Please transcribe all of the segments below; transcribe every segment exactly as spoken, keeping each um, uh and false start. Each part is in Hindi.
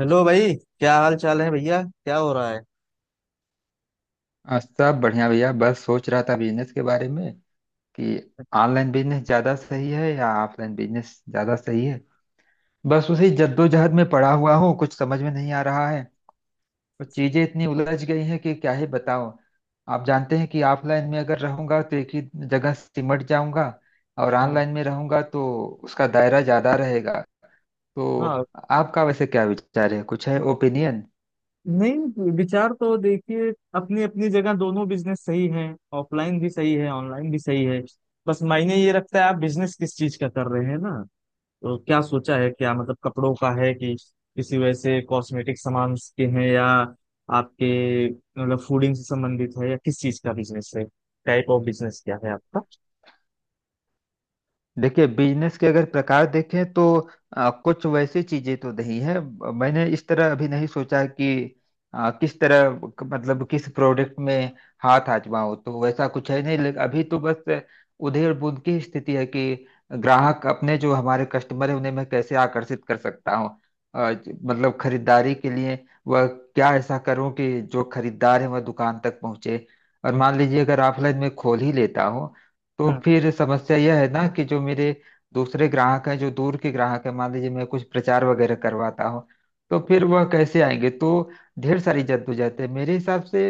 हेलो भाई। क्या हाल चाल है भैया, क्या हो रहा है? आ, सब बढ़िया भैया, बस सोच रहा था बिजनेस के बारे में कि ऑनलाइन बिजनेस ज्यादा सही है या ऑफलाइन बिजनेस ज्यादा सही है। बस उसी जद्दोजहद में पड़ा हुआ हूँ, कुछ समझ में नहीं आ रहा है। और चीजें इतनी उलझ गई हैं कि क्या ही बताओ। आप जानते हैं कि ऑफलाइन में अगर रहूंगा तो एक ही जगह सिमट जाऊंगा, और हाँ। ऑनलाइन में रहूंगा तो उसका दायरा ज्यादा रहेगा। तो हाँ, आपका वैसे क्या विचार है, कुछ है ओपिनियन? नहीं विचार तो देखिए, अपनी अपनी जगह दोनों बिजनेस सही हैं। ऑफलाइन भी सही है, ऑनलाइन भी सही है। बस मायने ये रखता है आप बिजनेस किस चीज का कर रहे हैं ना। तो क्या सोचा है, क्या मतलब कपड़ों का है कि किसी वैसे कॉस्मेटिक सामान के हैं, या आपके मतलब फूडिंग से संबंधित है, या किस चीज का बिजनेस है? टाइप ऑफ बिजनेस क्या है आपका? देखिए, बिजनेस के अगर प्रकार देखें तो आ, कुछ वैसी चीजें तो नहीं है। ब- मैंने इस तरह अभी नहीं सोचा कि आ, किस तरह क- मतलब किस प्रोडक्ट में हाथ आजमाऊं, तो वैसा कुछ है नहीं। लेकिन अभी तो बस उधेड़ बुन की स्थिति है कि ग्राहक अपने जो हमारे कस्टमर है उन्हें मैं कैसे आकर्षित कर सकता हूँ आ, ज- मतलब खरीदारी के लिए। वह क्या ऐसा करूं कि जो खरीदार है वह दुकान तक पहुंचे? और मान लीजिए अगर ऑफलाइन में खोल ही लेता हूँ, तो हाँ। फिर समस्या यह है ना कि जो मेरे दूसरे ग्राहक हैं, जो दूर के ग्राहक हैं, मान लीजिए मैं कुछ प्रचार वगैरह करवाता हूँ तो फिर वह कैसे आएंगे? तो ढेर सारी जद्दोजहद है। मेरे हिसाब से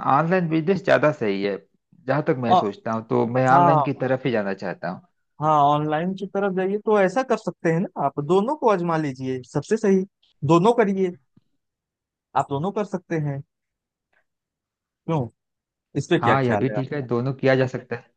ऑनलाइन बिजनेस ज्यादा सही है। जहां तक मैं और सोचता हूँ तो मैं ऑनलाइन हाँ। की तरफ ही जाना चाहता हूँ। हाँ, ऑनलाइन की तरफ जाइए तो ऐसा कर सकते हैं ना, आप दोनों को आजमा लीजिए, सबसे सही दोनों करिए। आप दोनों कर सकते हैं। क्यों? इस पे क्या हाँ, यह ख्याल भी है ठीक है, आप? दोनों किया जा सकता है।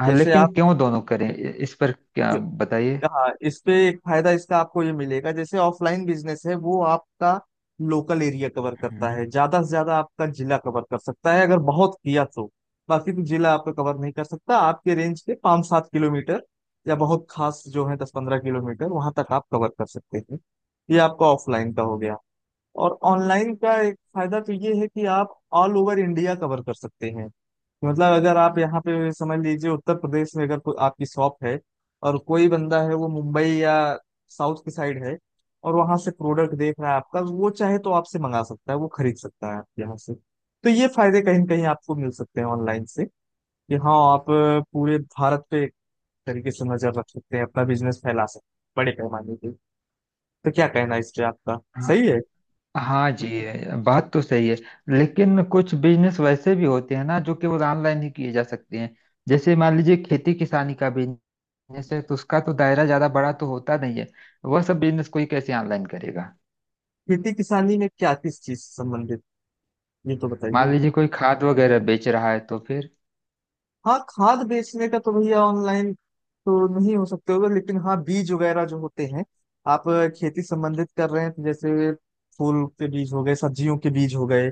हाँ, जैसे लेकिन आप, क्यों दोनों करें, इस पर क्या बताइए? हाँ, इस पे एक फायदा इसका आपको ये मिलेगा जैसे ऑफलाइन बिजनेस है वो आपका लोकल एरिया कवर करता हम्म। है, ज्यादा से ज्यादा आपका जिला कवर कर सकता है अगर बहुत किया तो। बाकी तो जिला आपका कवर नहीं कर सकता, आपके रेंज के पाँच सात किलोमीटर या बहुत खास जो है दस पंद्रह किलोमीटर वहां तक आप कवर कर सकते हैं। ये आपका ऑफलाइन का हो गया। और ऑनलाइन का एक फायदा तो ये है कि आप ऑल ओवर इंडिया कवर कर सकते हैं। मतलब अगर आप यहाँ पे समझ लीजिए, उत्तर प्रदेश में अगर कोई आपकी शॉप है और कोई बंदा है वो मुंबई या साउथ की साइड है, और वहां से प्रोडक्ट देख रहा है आपका, वो चाहे तो आपसे मंगा सकता है, वो खरीद सकता है आपके यहाँ से। तो ये फायदे कहीं ना कहीं आपको मिल सकते हैं ऑनलाइन से कि हाँ, आप अ, पूरे भारत पे एक तरीके से नजर रख सकते हैं, अपना बिजनेस फैला सकते हैं बड़े पैमाने पे। तो क्या कहना है इस पे आपका? सही है। हाँ जी। बात तो सही है, लेकिन कुछ बिजनेस वैसे भी होते हैं ना जो केवल ऑनलाइन ही किए जा सकते हैं। जैसे मान लीजिए खेती किसानी का बिजनेस है, तो उसका तो दायरा ज्यादा बड़ा तो होता नहीं है। वह सब बिजनेस कोई कैसे ऑनलाइन करेगा? खेती किसानी में क्या, किस चीज से संबंधित ये तो मान बताइए। लीजिए कोई खाद वगैरह बेच रहा है, तो फिर। हाँ, खाद बेचने का तो भैया ऑनलाइन तो नहीं हो सकते होगा, लेकिन हाँ बीज वगैरह जो होते हैं, आप अ, खेती संबंधित कर रहे हैं तो जैसे फूल के बीज हो गए, सब्जियों के बीज हो गए,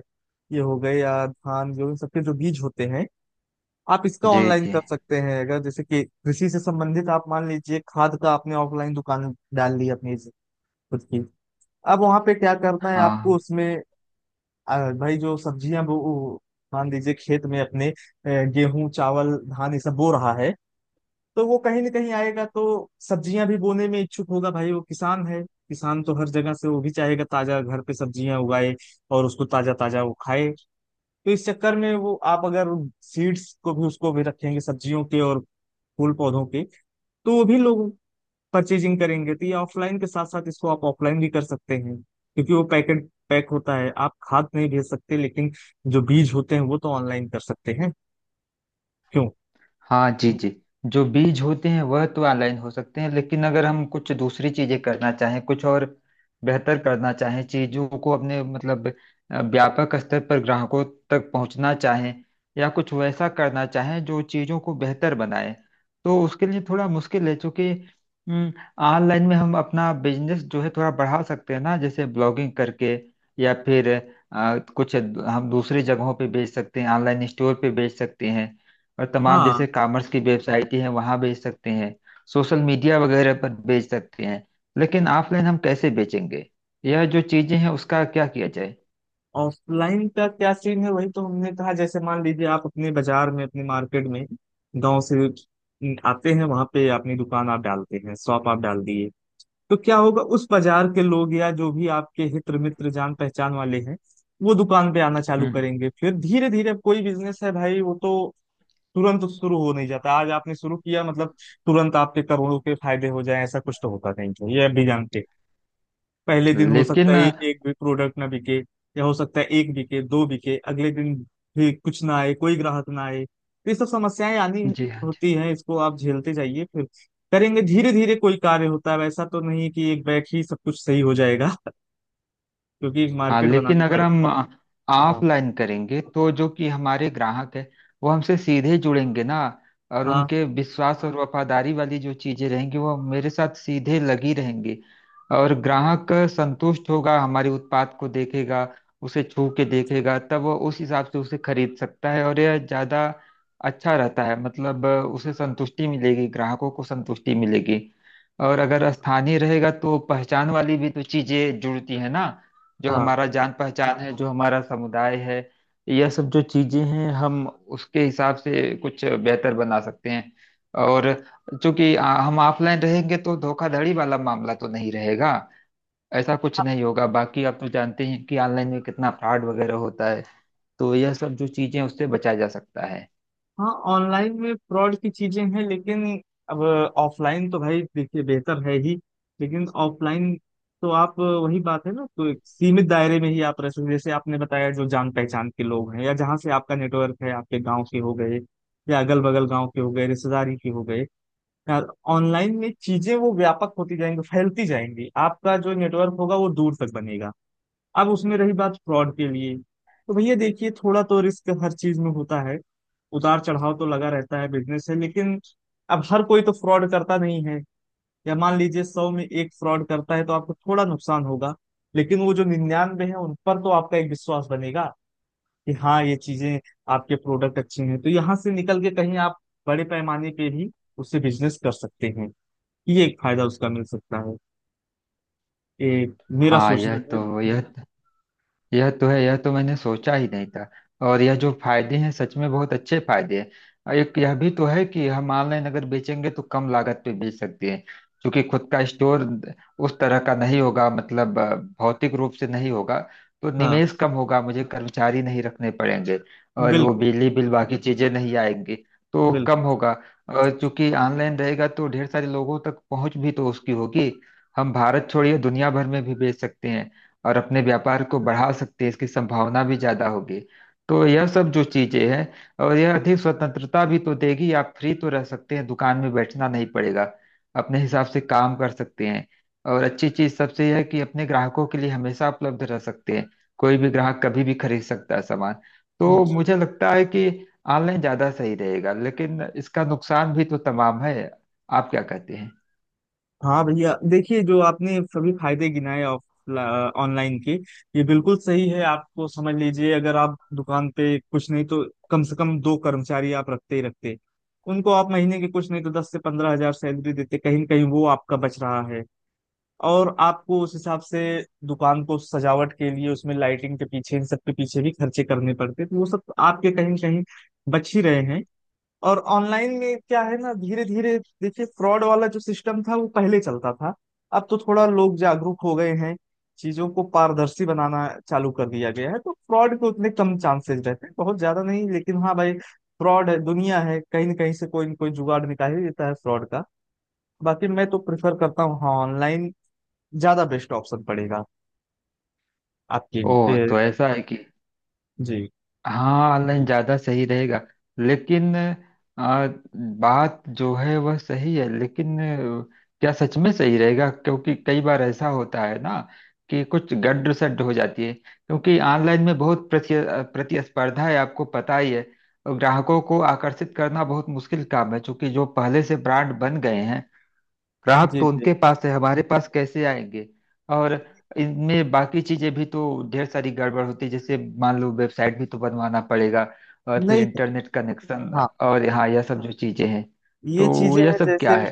ये हो गए, या धान, जो इन सबके जो बीज होते हैं आप इसका जी ऑनलाइन जी। कर सकते हैं। अगर जैसे कि कृषि से संबंधित आप मान लीजिए खाद का आपने ऑफलाइन दुकान डाल ली अपनी खुद की, अब वहां पे क्या करना है आपको हाँ। उसमें, आ, भाई जो सब्जियां वो वो मान लीजिए खेत में अपने अ, गेहूं चावल धान ये सब बो रहा है, तो वो कहीं ना कहीं आएगा, तो सब्जियां भी बोने में इच्छुक होगा। भाई वो किसान है, किसान तो हर जगह से वो भी चाहेगा ताजा घर पे सब्जियां उगाए और उसको ताजा ताजा वो खाए। तो इस चक्कर में वो आप अगर सीड्स को भी, उसको भी रखेंगे सब्जियों के और फूल पौधों के, तो वो भी लोग परचेजिंग करेंगे। तो ये ऑफलाइन के साथ साथ इसको आप ऑफलाइन भी कर सकते हैं क्योंकि वो पैकेट पैक होता है। आप खाद नहीं भेज सकते, लेकिन जो बीज होते हैं वो तो ऑनलाइन कर सकते हैं। क्यों? हाँ जी जी। जो बीज होते हैं वह तो ऑनलाइन हो सकते हैं, लेकिन अगर हम कुछ दूसरी चीजें करना चाहें, कुछ और बेहतर करना चाहें चीजों को, अपने मतलब अ, व्यापक स्तर पर ग्राहकों तक पहुंचना चाहें, या कुछ वैसा करना चाहें जो चीजों को बेहतर बनाए, तो उसके लिए थोड़ा मुश्किल है, क्योंकि हम्म, ऑनलाइन में हम अपना बिजनेस जो है थोड़ा बढ़ा सकते हैं ना, जैसे ब्लॉगिंग करके, या फिर अ, कुछ हम दूसरी जगहों पे बेच सकते हैं, ऑनलाइन स्टोर पे बेच सकते हैं, और तमाम हाँ। जैसे कॉमर्स की वेबसाइटें हैं वहां बेच सकते हैं, सोशल मीडिया वगैरह पर बेच सकते हैं। लेकिन ऑफलाइन हम कैसे बेचेंगे? यह जो चीजें हैं, उसका क्या किया जाए? ऑफलाइन का क्या सीन है, वही तो हमने कहा, जैसे मान लीजिए आप अपने बाजार में, अपने मार्केट में, गांव से आते हैं, वहां पे अपनी दुकान आप डालते हैं, शॉप आप डाल दिए, तो क्या होगा, उस बाजार के लोग या जो भी आपके हित्र मित्र जान पहचान वाले हैं वो दुकान पे आना चालू हम्म करेंगे। फिर धीरे धीरे, कोई बिजनेस है भाई वो तो तुरंत शुरू हो नहीं जाता। आज आपने शुरू किया मतलब तुरंत आपके करोड़ों के फायदे हो जाए, ऐसा कुछ तो होता नहीं है, ये भी जानते हैं। पहले दिन हो सकता लेकिन, है एक भी प्रोडक्ट ना बिके, या हो सकता है एक बिके दो बिके, अगले दिन भी कुछ ना आए, कोई ग्राहक ना आए। तो ये सब समस्याएं आनी जी हाँ, होती हैं, इसको आप झेलते जाइए, फिर करेंगे धीरे धीरे। कोई कार्य होता है वैसा तो नहीं कि एक बैग ही सब कुछ सही हो जाएगा क्योंकि हाँ, मार्केट लेकिन बनानी अगर पड़ती हम है। हाँ। ऑफलाइन करेंगे तो जो कि हमारे ग्राहक है, वो हमसे सीधे जुड़ेंगे ना, और हाँ। उनके विश्वास और वफादारी वाली जो चीजें रहेंगी वो मेरे साथ सीधे लगी रहेंगी। और ग्राहक संतुष्ट होगा, हमारे उत्पाद को देखेगा, उसे छू के देखेगा, तब वो उस हिसाब से उसे खरीद सकता है, और यह ज्यादा अच्छा रहता है। मतलब उसे संतुष्टि मिलेगी, ग्राहकों को संतुष्टि मिलेगी। और अगर स्थानीय रहेगा तो पहचान वाली भी तो चीजें जुड़ती है ना, जो हाँ। हमारा जान पहचान है, जो हमारा समुदाय है। यह सब जो चीजें हैं, हम उसके हिसाब से कुछ बेहतर बना सकते हैं। और चूंकि आ, हम ऑफलाइन रहेंगे तो धोखाधड़ी वाला मामला तो नहीं रहेगा, ऐसा कुछ नहीं होगा। बाकी आप तो जानते हैं कि ऑनलाइन में कितना फ्रॉड वगैरह होता है, तो यह सब जो चीजें हैं, उससे बचा जा सकता है। हाँ, ऑनलाइन में फ्रॉड की चीजें हैं लेकिन अब ऑफलाइन तो भाई देखिए बेहतर है ही, लेकिन ऑफलाइन तो आप, वही बात है ना, तो एक सीमित दायरे में ही आप रह सकते, जैसे आपने बताया जो जान पहचान के लोग हैं, या जहाँ से आपका नेटवर्क है, आपके गांव के हो गए या अगल बगल गांव के हो गए, रिश्तेदारी के हो गए यार। ऑनलाइन में चीजें वो व्यापक होती जाएंगी, फैलती जाएंगी, आपका जो नेटवर्क होगा वो दूर तक बनेगा। अब उसमें रही बात फ्रॉड के लिए, तो भैया देखिए, थोड़ा तो रिस्क हर चीज में होता है, उतार चढ़ाव तो लगा रहता है, बिजनेस है, लेकिन अब हर कोई तो फ्रॉड करता नहीं है। या मान लीजिए सौ में एक फ्रॉड करता है तो आपको थोड़ा नुकसान होगा, लेकिन वो जो निन्यानवे है उन पर तो आपका एक विश्वास बनेगा कि हाँ, ये चीजें, आपके प्रोडक्ट अच्छे हैं, तो यहाँ से निकल के कहीं आप बड़े पैमाने पे भी उससे बिजनेस कर सकते हैं। ये एक फायदा उसका मिल सकता है। ये मेरा हाँ, सोचना यह है। तो यह यह तो है, यह तो मैंने सोचा ही नहीं था। और यह जो फायदे हैं सच में बहुत अच्छे फायदे हैं। और एक यह भी तो है कि हम ऑनलाइन अगर बेचेंगे तो कम लागत पे बेच सकते हैं, क्योंकि खुद का स्टोर उस तरह का नहीं होगा, मतलब अ, भौतिक रूप से नहीं होगा, तो हाँ। निवेश कम होगा, मुझे कर्मचारी नहीं रखने पड़ेंगे, और वो बिल्कुल। बिजली बिल बाकी चीजें नहीं आएंगी, तो कम बिल्कुल। होगा। और चूंकि ऑनलाइन रहेगा तो ढेर सारे लोगों तक पहुंच भी तो उसकी होगी, हम भारत छोड़िए दुनिया भर में भी बेच सकते हैं, और अपने व्यापार को बढ़ा सकते हैं, इसकी संभावना भी ज्यादा होगी। तो यह सब जो चीजें हैं, और यह अधिक स्वतंत्रता भी तो देगी, आप फ्री तो रह सकते हैं, दुकान में बैठना नहीं पड़ेगा, अपने हिसाब से काम कर सकते हैं। और अच्छी चीज सबसे यह है कि अपने ग्राहकों के लिए हमेशा उपलब्ध रह सकते हैं, कोई भी ग्राहक कभी भी खरीद सकता है सामान। तो मुझे लगता है कि ऑनलाइन ज्यादा सही रहेगा, लेकिन इसका नुकसान भी तो तमाम है। आप क्या कहते हैं? हाँ भैया देखिए, जो आपने सभी फायदे गिनाए ऑफ ऑनलाइन के, ये बिल्कुल सही है। आपको समझ लीजिए, अगर आप दुकान पे, कुछ नहीं तो कम से कम दो कर्मचारी आप रखते ही रखते, उनको आप महीने के कुछ नहीं तो दस से पंद्रह हजार सैलरी देते, कहीं न कहीं वो आपका बच रहा है। और आपको उस हिसाब से दुकान को सजावट के लिए उसमें लाइटिंग के पीछे, इन सब के पीछे भी खर्चे करने पड़ते, तो वो सब आपके कहीं न कहीं बच ही रहे हैं। और ऑनलाइन में क्या है ना, धीरे धीरे देखिए, फ्रॉड वाला जो सिस्टम था वो पहले चलता था, अब तो थोड़ा लोग जागरूक हो गए हैं, चीजों को पारदर्शी बनाना चालू कर दिया गया है, तो फ्रॉड के उतने कम चांसेस रहते हैं। बहुत ज्यादा नहीं, लेकिन हाँ भाई, फ्रॉड है, दुनिया है, कहीं ना कहीं से कोई न कोई जुगाड़ निकाल ही देता है फ्रॉड का। बाकी मैं तो प्रेफर करता हूँ, हाँ, ऑनलाइन ज्यादा बेस्ट ऑप्शन पड़ेगा आपके। ओह, ए, तो ऐसा है कि जी। हाँ ऑनलाइन ज़्यादा सही रहेगा। लेकिन आ, बात जो है वह सही है, लेकिन आ, क्या सच में सही रहेगा? क्योंकि कई बार ऐसा होता है ना कि कुछ गड़ सड़ हो जाती है, क्योंकि ऑनलाइन में बहुत प्रति प्रतिस्पर्धा है, आपको पता ही है। और ग्राहकों को आकर्षित करना बहुत मुश्किल काम है, क्योंकि जो पहले से ब्रांड बन गए हैं, ग्राहक जी। तो जी। उनके पास है, हमारे पास कैसे आएंगे? और इनमें बाकी चीजें भी तो ढेर सारी गड़बड़ होती है, जैसे मान लो वेबसाइट भी तो बनवाना पड़ेगा, और फिर नहीं। इंटरनेट कनेक्शन, हाँ, और हाँ यह सब जो चीजें हैं, ये तो चीजें यह हैं, सब जैसे, क्या है?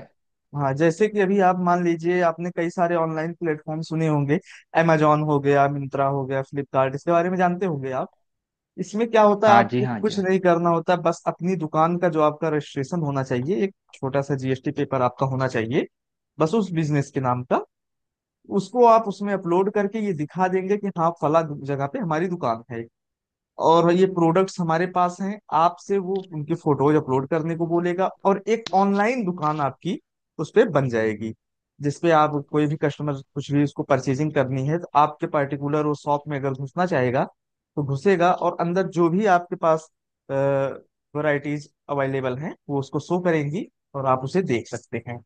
हाँ जैसे कि अभी आप मान लीजिए, आपने कई सारे ऑनलाइन प्लेटफॉर्म सुने होंगे, amazon हो गया, मिंत्रा हो गया, फ्लिपकार्ट, इसके बारे में जानते होंगे आप। इसमें क्या होता है, हाँ जी, आपको हाँ जी। कुछ नहीं करना होता, बस अपनी दुकान का जो आपका रजिस्ट्रेशन होना चाहिए, एक छोटा सा जीएसटी पेपर आपका होना चाहिए बस उस बिजनेस के नाम का। उसको आप उसमें अपलोड करके ये दिखा देंगे कि हाँ, फला जगह पे हमारी दुकान है और ये प्रोडक्ट्स हमारे पास हैं। आपसे वो उनके फोटोज अपलोड करने को बोलेगा और एक ऑनलाइन दुकान आपकी उस पे बन जाएगी, जिसपे आप, कोई भी कस्टमर कुछ भी उसको परचेजिंग करनी है तो आपके पर्टिकुलर वो शॉप में अगर घुसना चाहेगा तो घुसेगा, और अंदर जो भी आपके पास वैरायटीज अवेलेबल हैं वो उसको शो करेंगी, और आप उसे देख सकते हैं।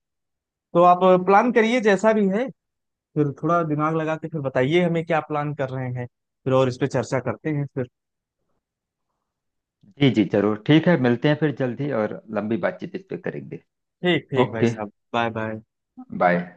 तो आप प्लान करिए जैसा भी है, फिर थोड़ा दिमाग लगा के फिर बताइए हमें क्या प्लान कर रहे हैं फिर, और इस पे चर्चा करते हैं फिर। जी जी, जरूर, ठीक है, मिलते हैं फिर जल्दी और लंबी बातचीत इस पे करेंगे। ठीक ठीक भाई ओके। साहब, बाय बाय। बाय।